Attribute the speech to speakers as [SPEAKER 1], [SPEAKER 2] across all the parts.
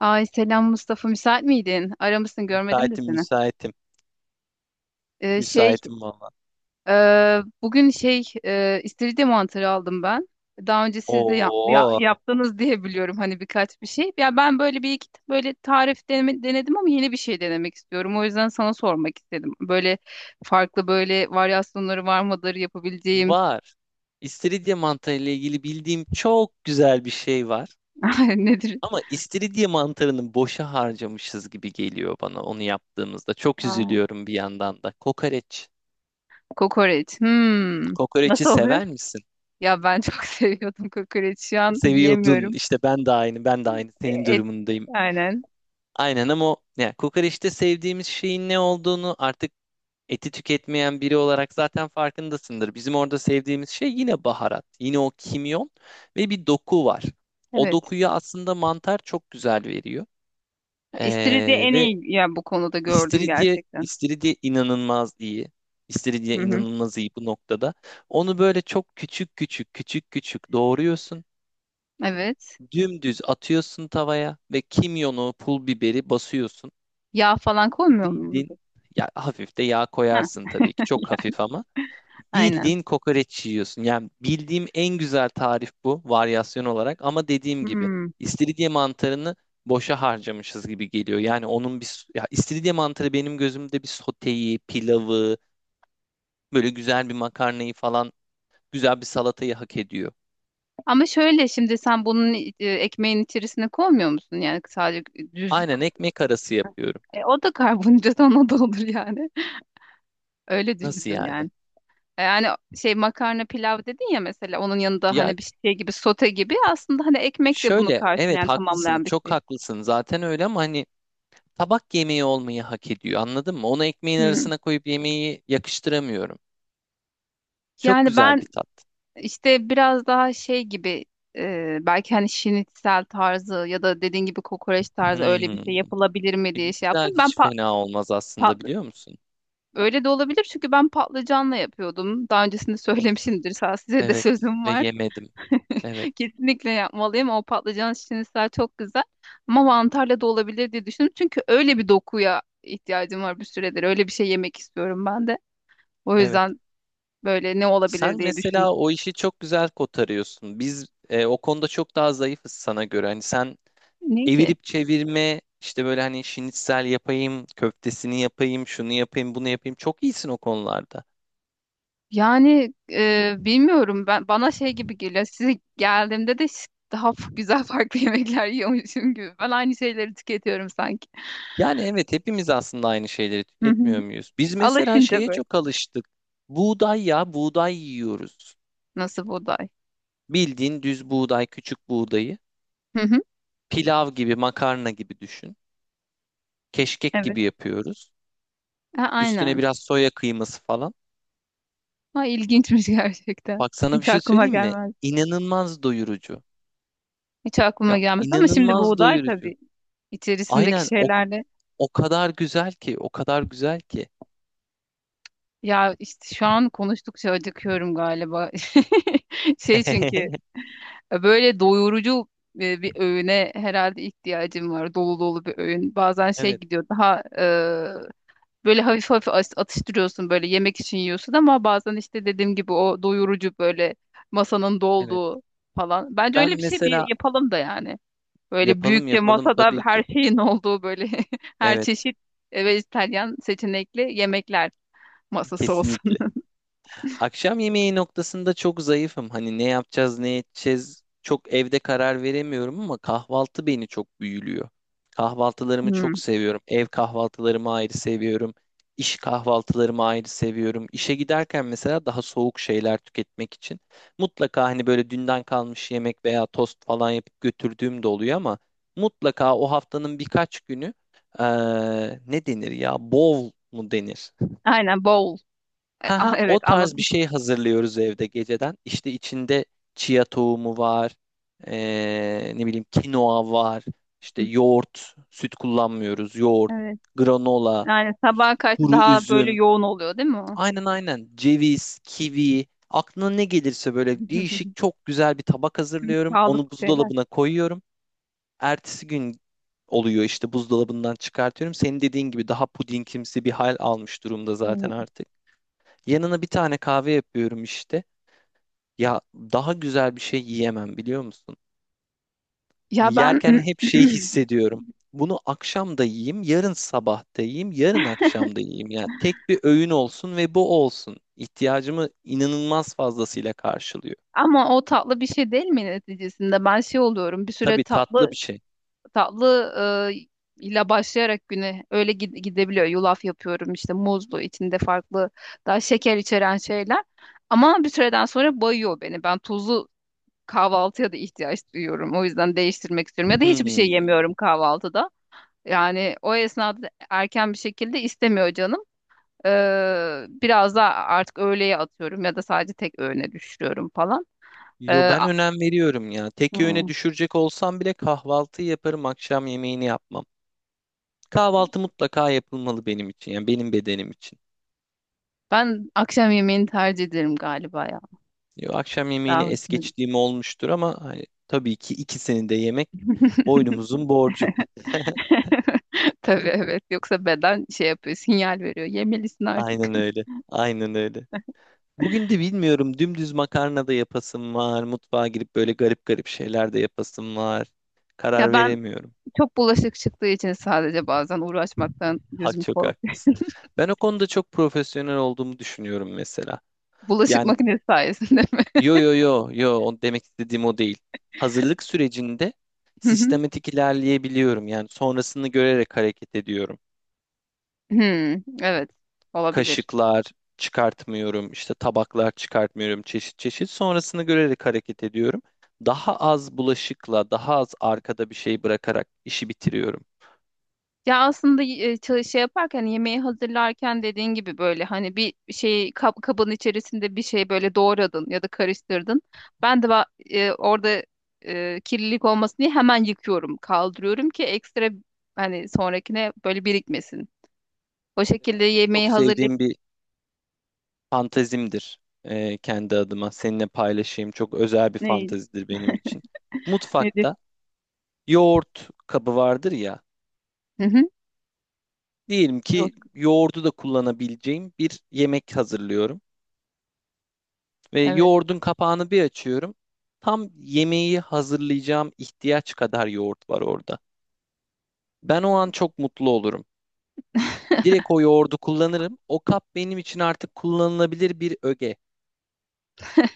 [SPEAKER 1] Ay, selam Mustafa, müsait miydin? Aramışsın, görmedim de
[SPEAKER 2] Müsaitim,
[SPEAKER 1] seni.
[SPEAKER 2] müsaitim.
[SPEAKER 1] Ee, şey
[SPEAKER 2] Müsaitim valla.
[SPEAKER 1] bugün istiridye mantarı aldım ben. Daha önce siz de
[SPEAKER 2] Oo,
[SPEAKER 1] yaptınız diye biliyorum, hani birkaç bir şey. Ya ben böyle bir iki böyle tarif denedim ama yeni bir şey denemek istiyorum. O yüzden sana sormak istedim. Böyle farklı böyle varyasyonları var mıdır yapabileceğim?
[SPEAKER 2] var. İstiridye mantarı ile ilgili bildiğim çok güzel bir şey var.
[SPEAKER 1] Nedir?
[SPEAKER 2] Ama istiridye mantarını boşa harcamışız gibi geliyor bana onu yaptığımızda. Çok
[SPEAKER 1] Aa,
[SPEAKER 2] üzülüyorum bir yandan da. Kokoreç.
[SPEAKER 1] kokoreç. Hmm.
[SPEAKER 2] Kokoreçi
[SPEAKER 1] Nasıl oluyor?
[SPEAKER 2] sever misin?
[SPEAKER 1] Ya ben çok seviyordum kokoreç. Şu an
[SPEAKER 2] Seviyordun.
[SPEAKER 1] yiyemiyorum.
[SPEAKER 2] İşte ben de aynı, ben de aynı. Senin
[SPEAKER 1] E, Et,
[SPEAKER 2] durumundayım.
[SPEAKER 1] aynen.
[SPEAKER 2] Aynen ama o, yani kokoreçte sevdiğimiz şeyin ne olduğunu artık eti tüketmeyen biri olarak zaten farkındasındır. Bizim orada sevdiğimiz şey yine baharat, yine o kimyon ve bir doku var. O
[SPEAKER 1] Evet.
[SPEAKER 2] dokuyu aslında mantar çok güzel veriyor.
[SPEAKER 1] İstiridye
[SPEAKER 2] Ee,
[SPEAKER 1] en
[SPEAKER 2] ve
[SPEAKER 1] iyi ya bu konuda, gördüm
[SPEAKER 2] istiridye,
[SPEAKER 1] gerçekten.
[SPEAKER 2] istiridye inanılmaz iyi. İstiridye
[SPEAKER 1] Hı hı.
[SPEAKER 2] inanılmaz iyi bu noktada. Onu böyle çok küçük küçük küçük küçük doğruyorsun.
[SPEAKER 1] Evet.
[SPEAKER 2] Dümdüz atıyorsun tavaya ve kimyonu, pul biberi basıyorsun.
[SPEAKER 1] Yağ falan koymuyor mu?
[SPEAKER 2] Bildin. Ya hafif de yağ
[SPEAKER 1] Ha.
[SPEAKER 2] koyarsın tabii ki. Çok
[SPEAKER 1] Ya,
[SPEAKER 2] hafif ama.
[SPEAKER 1] aynen.
[SPEAKER 2] Bildiğin kokoreç yiyorsun. Yani bildiğim en güzel tarif bu varyasyon olarak ama dediğim gibi
[SPEAKER 1] Hmm.
[SPEAKER 2] istiridye mantarını boşa harcamışız gibi geliyor. Yani onun ya istiridye mantarı benim gözümde bir soteyi, pilavı, böyle güzel bir makarnayı falan, güzel bir salatayı hak ediyor.
[SPEAKER 1] Ama şöyle, şimdi sen bunun ekmeğin içerisine koymuyor musun? Yani sadece düz,
[SPEAKER 2] Aynen ekmek arası yapıyorum.
[SPEAKER 1] o da karbonhidrat, ona da olur yani. Öyle
[SPEAKER 2] Nasıl
[SPEAKER 1] düşündüm
[SPEAKER 2] yani?
[SPEAKER 1] yani. Yani makarna, pilav dedin ya mesela, onun yanında
[SPEAKER 2] Ya
[SPEAKER 1] hani bir şey gibi, sote gibi. Aslında hani ekmek de bunu
[SPEAKER 2] şöyle evet
[SPEAKER 1] karşılayan,
[SPEAKER 2] haklısın,
[SPEAKER 1] tamamlayan bir
[SPEAKER 2] çok
[SPEAKER 1] şey.
[SPEAKER 2] haklısın. Zaten öyle ama hani tabak yemeği olmayı hak ediyor. Anladın mı? Onu ekmeğin
[SPEAKER 1] Hmm.
[SPEAKER 2] arasına koyup yemeği yakıştıramıyorum. Çok
[SPEAKER 1] Yani
[SPEAKER 2] güzel
[SPEAKER 1] ben
[SPEAKER 2] bir tat.
[SPEAKER 1] İşte biraz daha şey gibi, belki hani şinitsel tarzı ya da dediğin gibi kokoreç tarzı öyle bir
[SPEAKER 2] Hmm.
[SPEAKER 1] şey yapılabilir mi diye şey
[SPEAKER 2] Pirinçler
[SPEAKER 1] yaptım.
[SPEAKER 2] hiç fena olmaz aslında
[SPEAKER 1] Patlı-
[SPEAKER 2] biliyor musun?
[SPEAKER 1] Öyle de olabilir çünkü ben patlıcanla yapıyordum daha öncesinde.
[SPEAKER 2] Of.
[SPEAKER 1] Söylemişimdir. Sağ, size de
[SPEAKER 2] Evet
[SPEAKER 1] sözüm
[SPEAKER 2] ve
[SPEAKER 1] var.
[SPEAKER 2] yemedim. Evet,
[SPEAKER 1] Kesinlikle yapmalıyım. O patlıcan şinitsel çok güzel. Ama mantarla da olabilir diye düşündüm. Çünkü öyle bir dokuya ihtiyacım var bir süredir. Öyle bir şey yemek istiyorum ben de. O
[SPEAKER 2] evet.
[SPEAKER 1] yüzden böyle ne olabilir
[SPEAKER 2] Sen
[SPEAKER 1] diye düşündüm.
[SPEAKER 2] mesela o işi çok güzel kotarıyorsun. Biz o konuda çok daha zayıfız sana göre. Hani sen
[SPEAKER 1] Ne ki?
[SPEAKER 2] evirip çevirme işte böyle hani şinitsel yapayım, köftesini yapayım, şunu yapayım, bunu yapayım. Çok iyisin o konularda.
[SPEAKER 1] Yani bilmiyorum, ben bana şey gibi geliyor. Size geldiğimde de daha güzel farklı yemekler yiyormuşum gibi. Ben aynı şeyleri tüketiyorum sanki.
[SPEAKER 2] Yani evet hepimiz aslında aynı şeyleri
[SPEAKER 1] Hı hı.
[SPEAKER 2] tüketmiyor muyuz? Biz mesela
[SPEAKER 1] Alışınca
[SPEAKER 2] şeye
[SPEAKER 1] böyle.
[SPEAKER 2] çok alıştık. Buğday ya, buğday yiyoruz.
[SPEAKER 1] Nasıl buğday?
[SPEAKER 2] Bildiğin düz buğday, küçük buğdayı.
[SPEAKER 1] Hı hı.
[SPEAKER 2] Pilav gibi, makarna gibi düşün. Keşkek
[SPEAKER 1] Evet.
[SPEAKER 2] gibi yapıyoruz.
[SPEAKER 1] Ha,
[SPEAKER 2] Üstüne
[SPEAKER 1] aynen.
[SPEAKER 2] biraz soya kıyması falan.
[SPEAKER 1] Ha, ilginçmiş gerçekten.
[SPEAKER 2] Bak sana bir
[SPEAKER 1] Hiç
[SPEAKER 2] şey
[SPEAKER 1] aklıma
[SPEAKER 2] söyleyeyim mi?
[SPEAKER 1] gelmez.
[SPEAKER 2] İnanılmaz doyurucu.
[SPEAKER 1] Hiç aklıma
[SPEAKER 2] Ya
[SPEAKER 1] gelmezdi ama şimdi
[SPEAKER 2] inanılmaz
[SPEAKER 1] buğday
[SPEAKER 2] doyurucu.
[SPEAKER 1] tabii, içerisindeki
[SPEAKER 2] Aynen o,
[SPEAKER 1] şeylerle.
[SPEAKER 2] o kadar güzel ki, o kadar güzel ki.
[SPEAKER 1] Ya işte şu an konuştukça acıkıyorum galiba. Şey çünkü Böyle doyurucu bir öğüne herhalde ihtiyacım var. Dolu dolu bir öğün. Bazen şey
[SPEAKER 2] Evet,
[SPEAKER 1] gidiyor daha, böyle hafif hafif atıştırıyorsun, böyle yemek için yiyorsun ama bazen işte dediğim gibi o doyurucu, böyle masanın
[SPEAKER 2] evet.
[SPEAKER 1] dolduğu falan. Bence
[SPEAKER 2] Ben
[SPEAKER 1] öyle bir şey bir
[SPEAKER 2] mesela
[SPEAKER 1] yapalım da yani. Böyle
[SPEAKER 2] yapalım
[SPEAKER 1] büyükçe
[SPEAKER 2] yapalım
[SPEAKER 1] masada
[SPEAKER 2] tabii ki.
[SPEAKER 1] her şeyin olduğu, böyle her
[SPEAKER 2] Evet,
[SPEAKER 1] çeşit vejetaryen seçenekli yemekler masası
[SPEAKER 2] kesinlikle.
[SPEAKER 1] olsun.
[SPEAKER 2] Akşam yemeği noktasında çok zayıfım. Hani ne yapacağız, ne edeceğiz çok evde karar veremiyorum ama kahvaltı beni çok büyülüyor. Kahvaltılarımı çok
[SPEAKER 1] Hmm.
[SPEAKER 2] seviyorum. Ev kahvaltılarımı ayrı seviyorum. İş kahvaltılarımı ayrı seviyorum. İşe giderken mesela daha soğuk şeyler tüketmek için mutlaka hani böyle dünden kalmış yemek veya tost falan yapıp götürdüğüm de oluyor ama mutlaka o haftanın birkaç günü ne denir ya? Bol mu denir?
[SPEAKER 1] Aynen, bowl.
[SPEAKER 2] Ha ha,
[SPEAKER 1] Evet,
[SPEAKER 2] o tarz bir
[SPEAKER 1] anladım.
[SPEAKER 2] şey hazırlıyoruz evde geceden. İşte içinde chia tohumu var. Ne bileyim, kinoa var. İşte
[SPEAKER 1] Hı.
[SPEAKER 2] yoğurt, süt kullanmıyoruz. Yoğurt,
[SPEAKER 1] Evet.
[SPEAKER 2] granola,
[SPEAKER 1] Yani
[SPEAKER 2] işte
[SPEAKER 1] sabaha karşı
[SPEAKER 2] kuru
[SPEAKER 1] daha böyle
[SPEAKER 2] üzüm.
[SPEAKER 1] yoğun oluyor değil mi o?
[SPEAKER 2] Aynen aynen. Ceviz, kivi. Aklına ne gelirse böyle değişik çok güzel bir tabak
[SPEAKER 1] Tüm
[SPEAKER 2] hazırlıyorum.
[SPEAKER 1] sağlık
[SPEAKER 2] Onu
[SPEAKER 1] şeyler.
[SPEAKER 2] buzdolabına koyuyorum. Ertesi gün oluyor işte buzdolabından çıkartıyorum. Senin dediğin gibi daha pudingimsi bir hal almış durumda zaten
[SPEAKER 1] Yani
[SPEAKER 2] artık. Yanına bir tane kahve yapıyorum işte. Ya daha güzel bir şey yiyemem biliyor musun?
[SPEAKER 1] ya ben
[SPEAKER 2] Yerken hep şey hissediyorum. Bunu akşam da yiyeyim, yarın sabah da yiyeyim, yarın akşam da yiyeyim. Yani tek bir öğün olsun ve bu olsun. İhtiyacımı inanılmaz fazlasıyla karşılıyor.
[SPEAKER 1] ama o tatlı bir şey değil mi neticesinde? Ben şey oluyorum. Bir süre
[SPEAKER 2] Tabii tatlı
[SPEAKER 1] tatlı,
[SPEAKER 2] bir şey.
[SPEAKER 1] tatlı ile başlayarak güne öyle gidebiliyor. Yulaf yapıyorum işte muzlu, içinde farklı daha şeker içeren şeyler. Ama bir süreden sonra bayıyor beni. Ben tuzlu kahvaltıya da ihtiyaç duyuyorum. O yüzden değiştirmek istiyorum. Ya da hiçbir şey
[SPEAKER 2] Hmm.
[SPEAKER 1] yemiyorum kahvaltıda. Yani o esnada erken bir şekilde istemiyor canım. Biraz da artık öğleye atıyorum ya da sadece tek öğüne düşürüyorum falan. Ee,
[SPEAKER 2] Yo ben
[SPEAKER 1] a-
[SPEAKER 2] önem veriyorum ya. Tek öğüne
[SPEAKER 1] Hmm.
[SPEAKER 2] düşürecek olsam bile kahvaltı yaparım, akşam yemeğini yapmam. Kahvaltı mutlaka yapılmalı benim için. Yani benim bedenim için.
[SPEAKER 1] Ben akşam yemeğini tercih ederim galiba ya.
[SPEAKER 2] Yo, akşam
[SPEAKER 1] Daha
[SPEAKER 2] yemeğini es
[SPEAKER 1] hoşuma gidiyor.
[SPEAKER 2] geçtiğim olmuştur ama hani tabii ki ikisini de yemek boynumuzun borcu.
[SPEAKER 1] Tabii, evet. Yoksa beden şey yapıyor, sinyal veriyor. Yemelisin artık.
[SPEAKER 2] Aynen öyle. Aynen öyle. Bugün de bilmiyorum dümdüz makarna da yapasım var. Mutfağa girip böyle garip garip şeyler de yapasım var.
[SPEAKER 1] Ya
[SPEAKER 2] Karar
[SPEAKER 1] ben
[SPEAKER 2] veremiyorum.
[SPEAKER 1] çok bulaşık çıktığı için sadece bazen uğraşmaktan
[SPEAKER 2] Ha,
[SPEAKER 1] gözüm
[SPEAKER 2] çok
[SPEAKER 1] korkuyor.
[SPEAKER 2] haklısın. Ben o konuda çok profesyonel olduğumu düşünüyorum mesela.
[SPEAKER 1] Bulaşık
[SPEAKER 2] Yani
[SPEAKER 1] makinesi sayesinde mi?
[SPEAKER 2] yo yo yo yo, o demek istediğim o değil. Hazırlık sürecinde sistematik ilerleyebiliyorum. Yani sonrasını görerek hareket ediyorum.
[SPEAKER 1] Hmm, evet, olabilir.
[SPEAKER 2] Kaşıklar çıkartmıyorum, işte tabaklar çıkartmıyorum çeşit çeşit. Sonrasını görerek hareket ediyorum. Daha az bulaşıkla, daha az arkada bir şey bırakarak işi bitiriyorum.
[SPEAKER 1] Ya aslında yaparken, hani yemeği hazırlarken dediğin gibi, böyle hani bir şey kabın içerisinde bir şey böyle doğradın ya da karıştırdın. Ben de orada kirlilik olmasın diye hemen yıkıyorum, kaldırıyorum ki ekstra hani sonrakine böyle birikmesin. O
[SPEAKER 2] Mesela
[SPEAKER 1] şekilde
[SPEAKER 2] şey, çok
[SPEAKER 1] yemeği hazırlayıp.
[SPEAKER 2] sevdiğim bir fantezimdir kendi adıma. Seninle paylaşayım. Çok özel bir
[SPEAKER 1] Ne,
[SPEAKER 2] fantezidir benim için.
[SPEAKER 1] Nedir?
[SPEAKER 2] Mutfakta yoğurt kabı vardır ya.
[SPEAKER 1] Hı hı.
[SPEAKER 2] Diyelim
[SPEAKER 1] Yok.
[SPEAKER 2] ki yoğurdu da kullanabileceğim bir yemek hazırlıyorum. Ve
[SPEAKER 1] Evet.
[SPEAKER 2] yoğurdun kapağını bir açıyorum. Tam yemeği hazırlayacağım ihtiyaç kadar yoğurt var orada. Ben o an çok mutlu olurum. Direkt o yoğurdu kullanırım. O kap benim için artık kullanılabilir bir öge.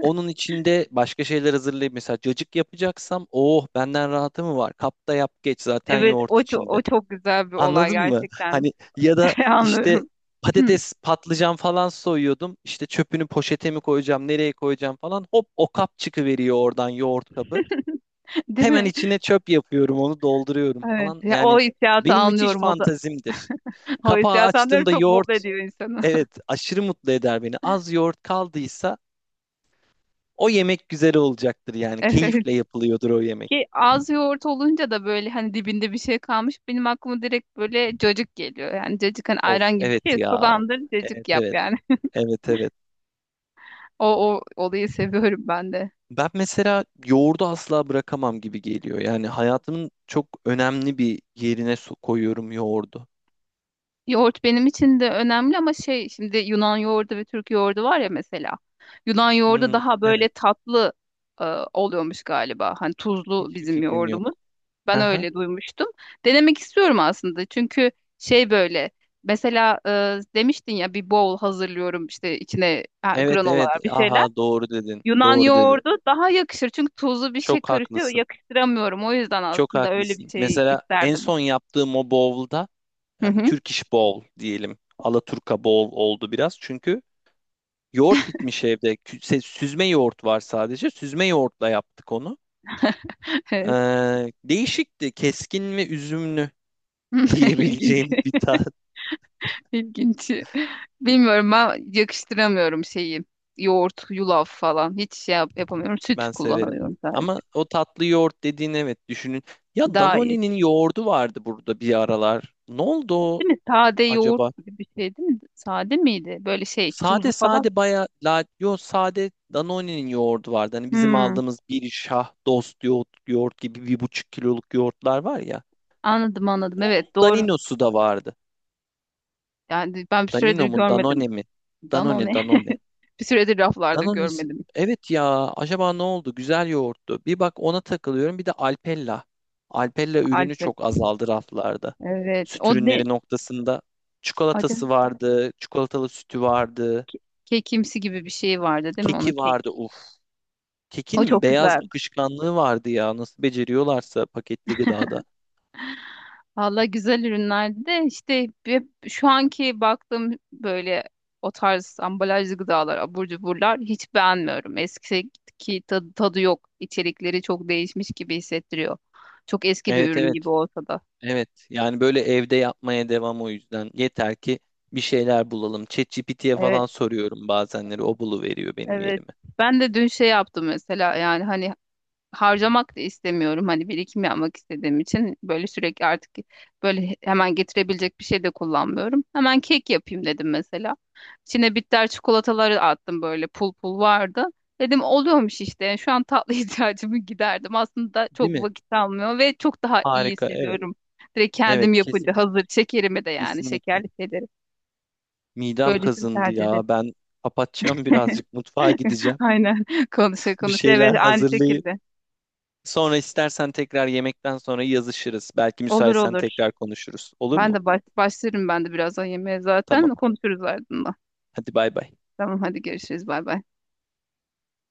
[SPEAKER 2] Onun içinde başka şeyler hazırlayayım. Mesela cacık yapacaksam, oh benden rahatı mı var? Kapta yap geç zaten
[SPEAKER 1] Evet,
[SPEAKER 2] yoğurt
[SPEAKER 1] o çok,
[SPEAKER 2] içinde.
[SPEAKER 1] o çok güzel bir olay
[SPEAKER 2] Anladın mı?
[SPEAKER 1] gerçekten.
[SPEAKER 2] Hani ya da işte
[SPEAKER 1] Anlıyorum.
[SPEAKER 2] patates, patlıcan falan soyuyordum. İşte çöpünü poşete mi koyacağım, nereye koyacağım falan. Hop o kap çıkıveriyor oradan, yoğurt kabı.
[SPEAKER 1] Değil
[SPEAKER 2] Hemen
[SPEAKER 1] mi?
[SPEAKER 2] içine çöp yapıyorum, onu dolduruyorum
[SPEAKER 1] Evet.
[SPEAKER 2] falan.
[SPEAKER 1] Ya, o
[SPEAKER 2] Yani
[SPEAKER 1] hissiyatı
[SPEAKER 2] benim müthiş
[SPEAKER 1] anlıyorum. O da
[SPEAKER 2] fantazimdir.
[SPEAKER 1] o
[SPEAKER 2] Kapağı
[SPEAKER 1] hissiyatları
[SPEAKER 2] açtığımda
[SPEAKER 1] çok mutlu
[SPEAKER 2] yoğurt,
[SPEAKER 1] ediyor insanı.
[SPEAKER 2] evet aşırı mutlu eder beni. Az yoğurt kaldıysa o yemek güzel olacaktır yani.
[SPEAKER 1] Evet.
[SPEAKER 2] Keyifle yapılıyordur o yemek.
[SPEAKER 1] Ki az yoğurt olunca da böyle hani dibinde bir şey kalmış, benim aklıma direkt böyle cacık geliyor. Yani cacık hani
[SPEAKER 2] Of
[SPEAKER 1] ayran gibi bir
[SPEAKER 2] evet
[SPEAKER 1] şey.
[SPEAKER 2] ya.
[SPEAKER 1] Sulandır,
[SPEAKER 2] Evet
[SPEAKER 1] cacık yap
[SPEAKER 2] evet.
[SPEAKER 1] yani.
[SPEAKER 2] Evet evet.
[SPEAKER 1] O, o olayı seviyorum ben de.
[SPEAKER 2] Ben mesela yoğurdu asla bırakamam gibi geliyor. Yani hayatımın çok önemli bir yerine koyuyorum yoğurdu.
[SPEAKER 1] Yoğurt benim için de önemli ama şey, şimdi Yunan yoğurdu ve Türk yoğurdu var ya mesela. Yunan yoğurdu
[SPEAKER 2] Hmm,
[SPEAKER 1] daha böyle
[SPEAKER 2] evet.
[SPEAKER 1] tatlı e, oluyormuş galiba. Hani tuzlu
[SPEAKER 2] Hiçbir
[SPEAKER 1] bizim
[SPEAKER 2] fikrim
[SPEAKER 1] yoğurdumuz.
[SPEAKER 2] yok.
[SPEAKER 1] Ben
[SPEAKER 2] Aha.
[SPEAKER 1] öyle duymuştum. Denemek istiyorum aslında. Çünkü şey, böyle mesela demiştin ya bir bowl hazırlıyorum işte içine, ha,
[SPEAKER 2] Evet evet.
[SPEAKER 1] granolalar, bir şeyler.
[SPEAKER 2] Aha, doğru dedin.
[SPEAKER 1] Yunan
[SPEAKER 2] Doğru dedin.
[SPEAKER 1] yoğurdu daha yakışır çünkü. Tuzlu bir şey
[SPEAKER 2] Çok
[SPEAKER 1] karışıyor,
[SPEAKER 2] haklısın.
[SPEAKER 1] yakıştıramıyorum. O yüzden
[SPEAKER 2] Çok
[SPEAKER 1] aslında öyle bir
[SPEAKER 2] haklısın.
[SPEAKER 1] şey
[SPEAKER 2] Mesela en
[SPEAKER 1] isterdim.
[SPEAKER 2] son yaptığım o bowl'da
[SPEAKER 1] Hı
[SPEAKER 2] yani
[SPEAKER 1] hı.
[SPEAKER 2] Turkish bowl diyelim. Alaturka bowl oldu biraz. Çünkü yoğurt bitmiş evde. Süzme yoğurt var sadece. Süzme yoğurtla yaptık onu.
[SPEAKER 1] Evet.
[SPEAKER 2] Ee, Değişikti. Keskin ve üzümlü.
[SPEAKER 1] İlginç.
[SPEAKER 2] diyebileceğim bir tat.
[SPEAKER 1] İlginç. Bilmiyorum, ben yakıştıramıyorum şeyi. Yoğurt, yulaf falan. Hiç yapamıyorum. Süt
[SPEAKER 2] Ben severim.
[SPEAKER 1] kullanıyorum sadece.
[SPEAKER 2] Ama o tatlı yoğurt dediğin, evet, düşünün. Ya
[SPEAKER 1] Daha iyi.
[SPEAKER 2] Danone'nin yoğurdu vardı burada bir aralar. Ne oldu o
[SPEAKER 1] Değil mi? Sade yoğurt
[SPEAKER 2] acaba?
[SPEAKER 1] gibi bir şey değil mi? Sade miydi? Böyle şey, tuzlu
[SPEAKER 2] Sade
[SPEAKER 1] falan.
[SPEAKER 2] sade baya la yo sade Danone'nin yoğurdu vardı. Hani bizim
[SPEAKER 1] Hmm,
[SPEAKER 2] aldığımız bir şah dost yoğurt, gibi bir buçuk kiloluk yoğurtlar var ya.
[SPEAKER 1] anladım, anladım.
[SPEAKER 2] Onun
[SPEAKER 1] Evet, doğru.
[SPEAKER 2] Danino'su da vardı.
[SPEAKER 1] Yani ben bir
[SPEAKER 2] Danino
[SPEAKER 1] süredir
[SPEAKER 2] mu
[SPEAKER 1] görmedim
[SPEAKER 2] Danone mi? Danone,
[SPEAKER 1] Danone.
[SPEAKER 2] Danone.
[SPEAKER 1] Bir süredir raflarda
[SPEAKER 2] Danonis.
[SPEAKER 1] görmedim
[SPEAKER 2] Evet ya, acaba ne oldu? Güzel yoğurttu. Bir bak, ona takılıyorum. Bir de Alpella. Alpella ürünü
[SPEAKER 1] Alpen.
[SPEAKER 2] çok azaldı raflarda.
[SPEAKER 1] Evet.
[SPEAKER 2] Süt
[SPEAKER 1] O ne?
[SPEAKER 2] ürünleri noktasında
[SPEAKER 1] Acaba
[SPEAKER 2] çikolatası vardı, çikolatalı sütü vardı,
[SPEAKER 1] kekimsi gibi bir şey vardı değil mi? Onun
[SPEAKER 2] keki
[SPEAKER 1] kek.
[SPEAKER 2] vardı. Uf.
[SPEAKER 1] O
[SPEAKER 2] Kekinin
[SPEAKER 1] çok
[SPEAKER 2] beyaz
[SPEAKER 1] güzel.
[SPEAKER 2] akışkanlığı vardı ya. Nasıl beceriyorlarsa paketli gıdada.
[SPEAKER 1] Valla güzel ürünlerdi de işte hep şu anki baktığım böyle o tarz ambalajlı gıdalar, abur cuburlar hiç beğenmiyorum. Eskiki tadı, tadı yok. İçerikleri çok değişmiş gibi hissettiriyor. Çok eski bir
[SPEAKER 2] Evet
[SPEAKER 1] ürün gibi
[SPEAKER 2] evet.
[SPEAKER 1] olsa da.
[SPEAKER 2] Evet. Yani böyle evde yapmaya devam o yüzden. Yeter ki bir şeyler bulalım. ChatGPT'ye
[SPEAKER 1] Evet,
[SPEAKER 2] falan soruyorum bazenleri. O buluveriyor benim
[SPEAKER 1] evet.
[SPEAKER 2] yerime.
[SPEAKER 1] Ben de dün şey yaptım mesela, yani hani harcamak da istemiyorum. Hani birikim yapmak istediğim için böyle sürekli artık böyle hemen getirebilecek bir şey de kullanmıyorum. Hemen kek yapayım dedim mesela. İçine bitter çikolataları attım, böyle pul pul vardı. Dedim oluyormuş işte. Yani şu an tatlı ihtiyacımı giderdim. Aslında
[SPEAKER 2] Değil
[SPEAKER 1] çok
[SPEAKER 2] mi?
[SPEAKER 1] vakit almıyor ve çok daha iyi
[SPEAKER 2] Harika. Evet.
[SPEAKER 1] hissediyorum. Direkt kendim
[SPEAKER 2] Evet,
[SPEAKER 1] yapınca
[SPEAKER 2] kesin
[SPEAKER 1] hazır şekerimi de, yani
[SPEAKER 2] kesinlikle.
[SPEAKER 1] şekerli şeyleri.
[SPEAKER 2] Midem
[SPEAKER 1] Böylesini
[SPEAKER 2] kazındı
[SPEAKER 1] tercih ederim.
[SPEAKER 2] ya. Ben kapatacağım birazcık, mutfağa gideceğim.
[SPEAKER 1] Aynen, konuşa
[SPEAKER 2] Bir
[SPEAKER 1] konuşa, evet,
[SPEAKER 2] şeyler
[SPEAKER 1] aynı
[SPEAKER 2] hazırlayıp
[SPEAKER 1] şekilde.
[SPEAKER 2] sonra istersen tekrar yemekten sonra yazışırız. Belki
[SPEAKER 1] Olur,
[SPEAKER 2] müsaitsen
[SPEAKER 1] olur.
[SPEAKER 2] tekrar konuşuruz. Olur
[SPEAKER 1] Ben
[SPEAKER 2] mu?
[SPEAKER 1] de başlarım ben de birazdan yemeğe
[SPEAKER 2] Tamam.
[SPEAKER 1] zaten. Konuşuruz ardından.
[SPEAKER 2] Hadi bay bay.
[SPEAKER 1] Tamam, hadi görüşürüz. Bay bay.